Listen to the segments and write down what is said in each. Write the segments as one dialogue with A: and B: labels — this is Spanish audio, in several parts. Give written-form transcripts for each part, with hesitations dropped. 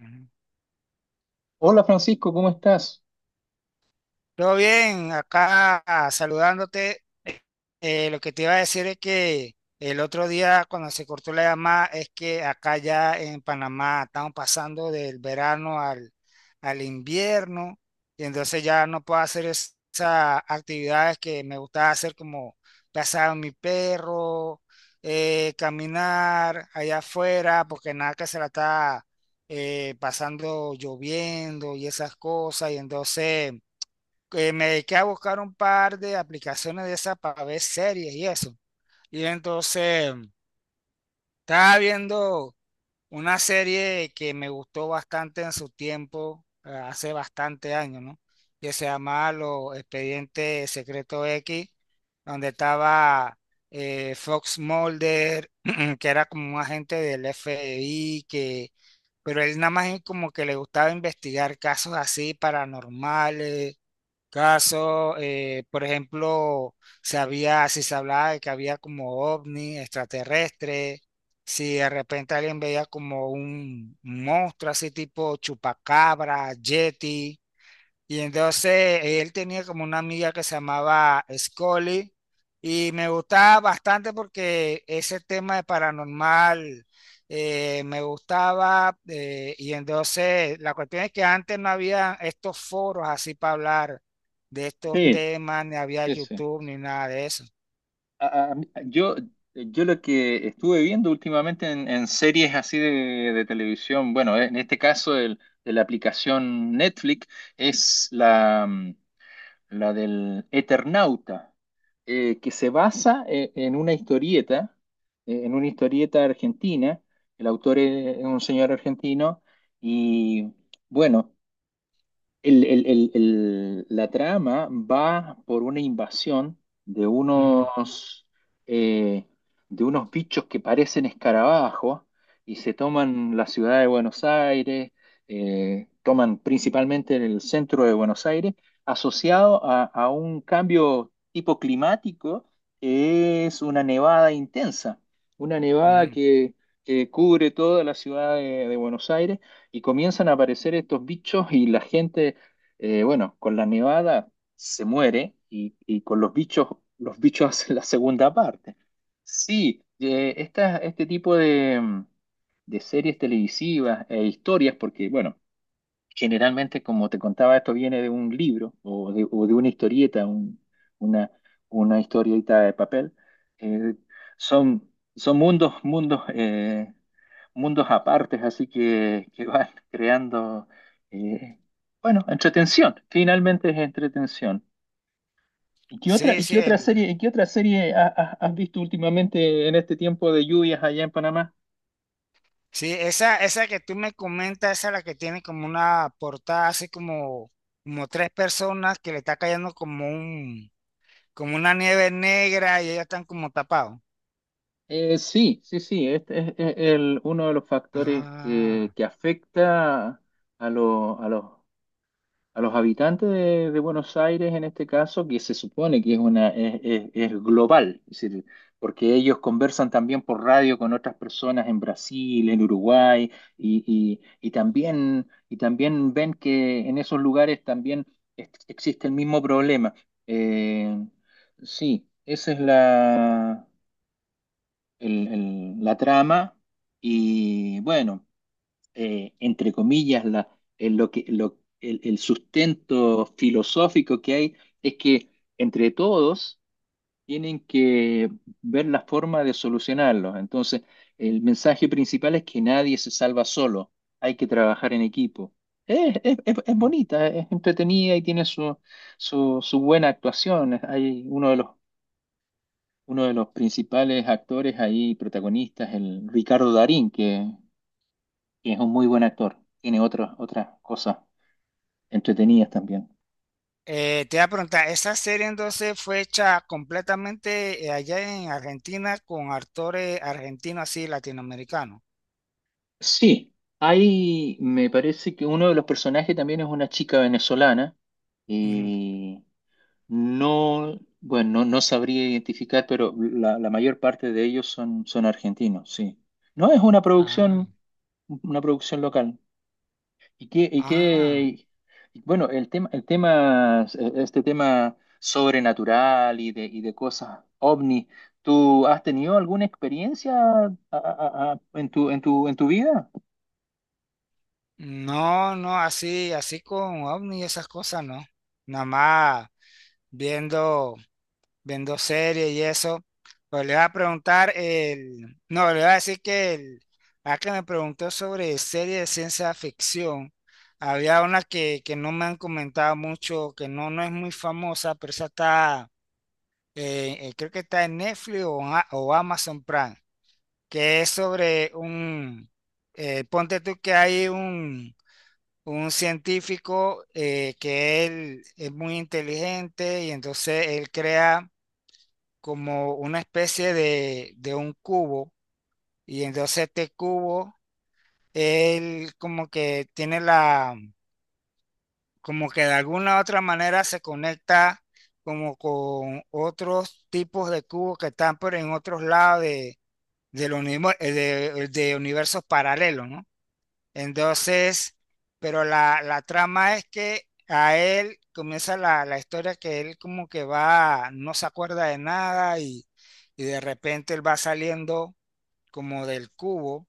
A: Ujú.
B: Hola Francisco, ¿cómo estás?
A: Todo bien, acá saludándote. Lo que te iba a decir es que el otro día cuando se cortó la llamada es que acá ya en Panamá estamos pasando del verano al invierno y entonces ya no puedo hacer esas actividades que me gustaba hacer como pasar a mi perro, caminar allá afuera porque nada que se la está pasando lloviendo y esas cosas y entonces, que me dediqué a buscar un par de aplicaciones de esas para ver series y eso. Y entonces estaba viendo una serie que me gustó bastante en su tiempo, hace bastante años, ¿no? Que se llamaba Los Expedientes Secreto X, donde estaba Fox Mulder, que era como un agente del FBI, pero él nada más como que le gustaba investigar casos así paranormales caso, por ejemplo, se había, si se hablaba de que había como ovni extraterrestre, si de repente alguien veía como un monstruo así tipo chupacabra, yeti, y entonces él tenía como una amiga que se llamaba Scully y me gustaba bastante porque ese tema de paranormal me gustaba, y entonces la cuestión es que antes no había estos foros así para hablar de estos
B: Sí,
A: temas, ni había
B: sí, sí.
A: YouTube ni nada de eso.
B: A- a- yo, yo lo que estuve viendo últimamente en series así de televisión, bueno, en este caso de la aplicación Netflix es la del Eternauta, que se basa en una historieta argentina, el autor es un señor argentino y bueno. La trama va por una invasión de
A: Ujú,
B: unos, eh, de unos bichos que parecen escarabajos y se toman la ciudad de Buenos Aires, toman principalmente en el centro de Buenos Aires, asociado a un cambio tipo climático que es una nevada intensa, una nevada
A: ujú.
B: que cubre toda la ciudad de Buenos Aires y comienzan a aparecer estos bichos y la gente, bueno, con la nevada se muere y con los bichos hacen la segunda parte. Sí, este tipo de series televisivas e historias, porque, bueno, generalmente, como te contaba, esto viene de un libro o o de una historieta, una, una historieta de papel. Eh, Son, son mundos, mundos apartes, así que van creando, eh, bueno, entretención. Finalmente es entretención.
A: Sí,
B: Y
A: sí,
B: qué otra
A: el.
B: serie, y qué otra serie has visto últimamente en este tiempo de lluvias allá en Panamá?
A: Sí, esa que tú me comentas, esa es la que tiene como una portada así como tres personas que le está cayendo como como una nieve negra y ellos están como tapados.
B: Sí, sí, sí, este es el, uno de los factores
A: Ah.
B: que afecta a, lo- a los, a los habitantes de Buenos Aires en este caso, que se supone que es, una, es, es global, es decir, porque ellos conversan también por radio con otras personas en Brasil, en Uruguay, y, y- y también ven que en esos lugares también existe el mismo problema. Eh, sí, esa es la la trama y bueno, entre comillas, la, lo que, lo- el sustento filosófico que hay es que entre todos tienen que ver la forma de solucionarlo. Entonces, el mensaje principal es que nadie se salva solo, hay que trabajar en equipo. Es, es
A: Mm.
B: bonita, es entretenida y tiene su buena actuación. Hay uno de los principales actores ahí, protagonistas, el Ricardo Darín, que es un muy buen actor. Tiene otras cosas entretenidas también.
A: Te iba a preguntar, ¿esa serie entonces fue hecha completamente allá en Argentina con actores argentinos así latinoamericanos?
B: Sí, hay, me parece que uno de los personajes también es una chica venezolana.
A: Ujú.
B: eh, no, bueno, no, no sabría identificar, pero la mayor parte de ellos son, son argentinos, sí. No es
A: Ah,
B: una producción local. Y qué, y
A: ah.
B: qué, y bueno, el tema, este tema sobrenatural y de cosas ovni, ¿tú has tenido alguna experiencia en en tu vida?
A: No, no, así, así con ovni y esas cosas, no. Nada más viendo, viendo series y eso. Pues le voy a preguntar el, no, le voy a decir que el, a que me preguntó sobre series de ciencia ficción. Había una que no me han comentado mucho, que no, no es muy famosa, pero esa está, creo que está en Netflix en o Amazon Prime, que es sobre un, ponte tú que hay un científico que él es muy inteligente y entonces él crea como una especie de un cubo y entonces este cubo, él como que tiene la, como que de alguna u otra manera se conecta como con otros tipos de cubos que están por en otros lados de, del univer- eh, de universos paralelos, ¿no? Entonces, pero la trama es que a él comienza la, la historia que él como que va, no se acuerda de nada y, y de repente él va saliendo como del cubo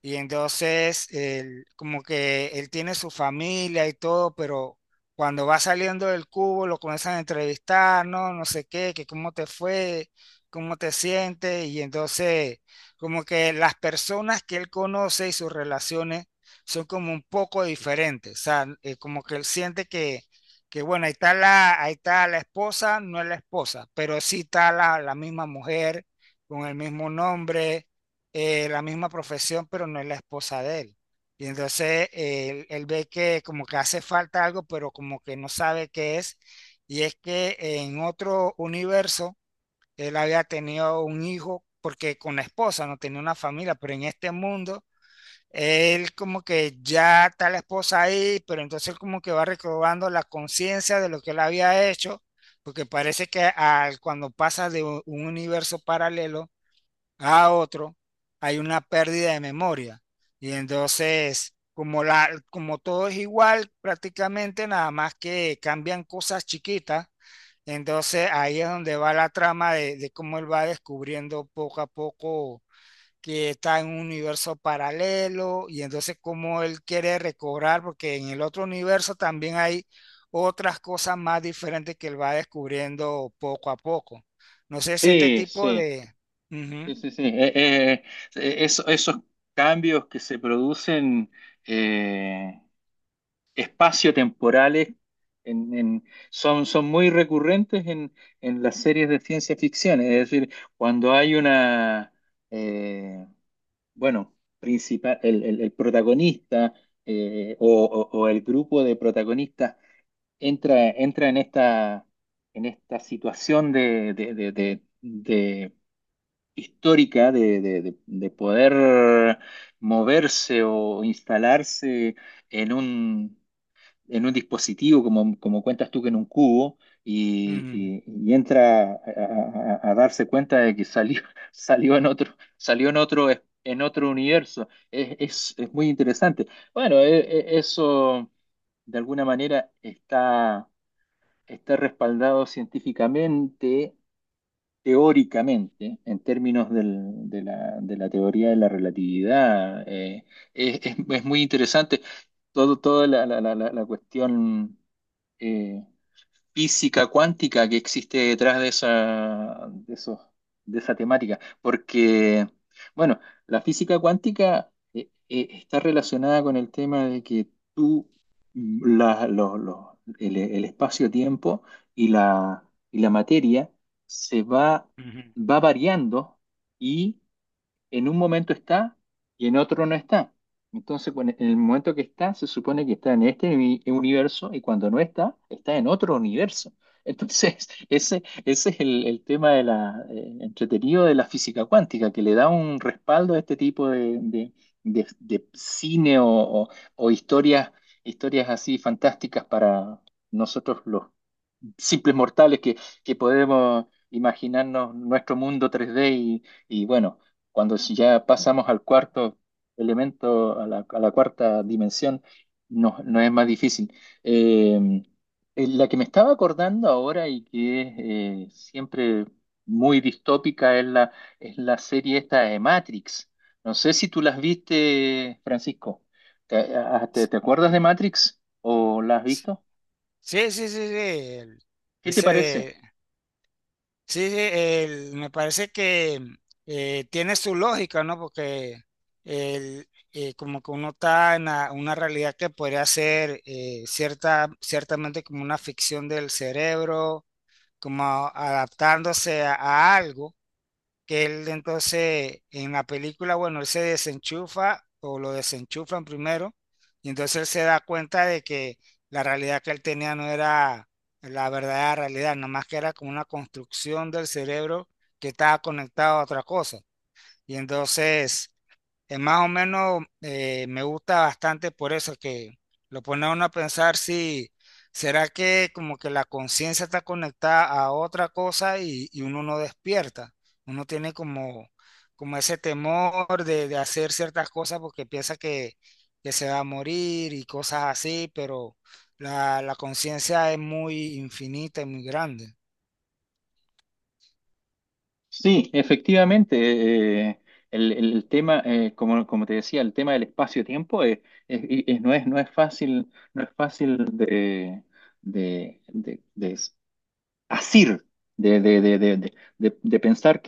A: y entonces, él, como que él tiene su familia y todo, pero cuando va saliendo del cubo lo comienzan a entrevistar, no, no sé qué, que cómo te fue, cómo te sientes. Y entonces, como que las personas que él conoce y sus relaciones son como un poco diferentes. O sea, como que él siente que bueno, ahí está la esposa, no es la esposa, pero sí está la, la misma mujer con el mismo nombre, la misma profesión, pero no es la esposa de él. Y entonces él, él ve que como que hace falta algo, pero como que no sabe qué es. Y es que en otro universo él había tenido un hijo, porque con la esposa no tenía una familia, pero en este mundo él como que ya está la esposa ahí, pero entonces él como que va recobrando la conciencia de lo que él había hecho, porque parece que al, cuando pasa de un universo paralelo, a otro, hay una pérdida de memoria. Y entonces, como, la, como todo es igual, prácticamente nada más que cambian cosas chiquitas, entonces ahí es donde va la trama de cómo él va descubriendo poco a poco que está en un universo paralelo y entonces cómo él quiere recobrar, porque en el otro universo también hay otras cosas más diferentes que él va descubriendo poco a poco. No sé si este
B: Sí,
A: tipo
B: sí,
A: de. Ujú,
B: sí, sí, sí. Esos cambios que se producen eh, espaciotemporales en- en- son, son muy recurrentes en las series de ciencia ficción. Es decir, cuando hay una, eh, bueno, principal, el protagonista o el grupo de protagonistas entra, entra en esta situación histórica de poder moverse o instalarse en un en un dispositivo, como, como cuentas tú que en un cubo,
A: ujú.
B: y entra a darse cuenta de que salió, salió en otro, en otro universo. Es, es muy interesante. Bueno, eso de alguna manera está, está respaldado científicamente, teóricamente, en términos de la teoría de la relatividad. Es, es muy interesante todo, toda la cuestión eh, física cuántica que existe detrás de esa, de esa temática. Porque, bueno, la física cuántica está relacionada con el tema de que tú, el espacio-tiempo y la, y la materia se va,
A: Ujú.
B: va variando en un momento está y en otro no está. Entonces, en el momento que está, se supone que está en este universo y cuando no está, está en otro universo. Entonces, ese es el tema de la, entretenido de la física cuántica, que le da un respaldo a este tipo de cine o historias, historias así fantásticas para nosotros los simples mortales que podemos imaginarnos nuestro mundo 3D y bueno, cuando si ya pasamos al cuarto elemento, a la cuarta dimensión, no, no es más difícil. Eh, la que me estaba acordando ahora y que es siempre muy distópica es es la serie esta de Matrix. No sé si tú las viste, Francisco. Te acuerdas de Matrix o la has visto?
A: Sí, sí, sí, sí, el,
B: ¿Qué te
A: ese
B: parece?
A: de. Sí, sí, el, me parece que tiene su lógica, ¿no? Porque el, como que uno está en la, una realidad que podría ser cierta, ciertamente como una ficción del cerebro, como adaptándose a algo, que él entonces en la película, bueno, él se desenchufa o lo desenchufan primero y entonces él se da cuenta de que la realidad que él tenía no era la verdadera realidad, nada más que era como una construcción del cerebro que estaba conectado a otra cosa. Y entonces es más o menos, me gusta bastante por eso que lo pone a uno a pensar si será que como que la conciencia está conectada a otra cosa y uno no despierta. Uno tiene como, como ese temor de hacer ciertas cosas porque piensa que se va a morir y cosas así, pero la conciencia es muy infinita y muy grande.
B: Sí, efectivamente. eh, el tema, como, como te decía, el tema del espacio-tiempo y no es, no es fácil, no es fácil de asir, de, de, de, de, de, de pensar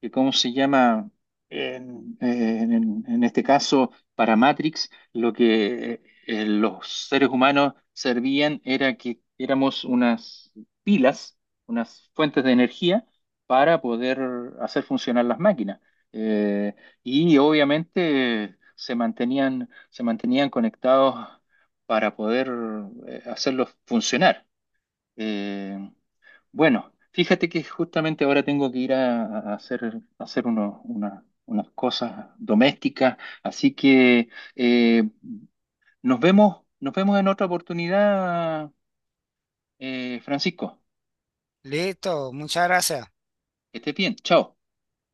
B: que ¿cómo se llama? En este caso, para Matrix, lo que los seres humanos servían era que éramos unas pilas, unas fuentes de energía para poder hacer funcionar las máquinas. Eh, y obviamente se mantenían conectados para poder hacerlos funcionar. Eh, bueno, fíjate que justamente ahora tengo que ir a hacer unas cosas domésticas, así que eh, nos vemos en otra oportunidad, Francisco.
A: Listo, muchas gracias.
B: Que estés bien, chao.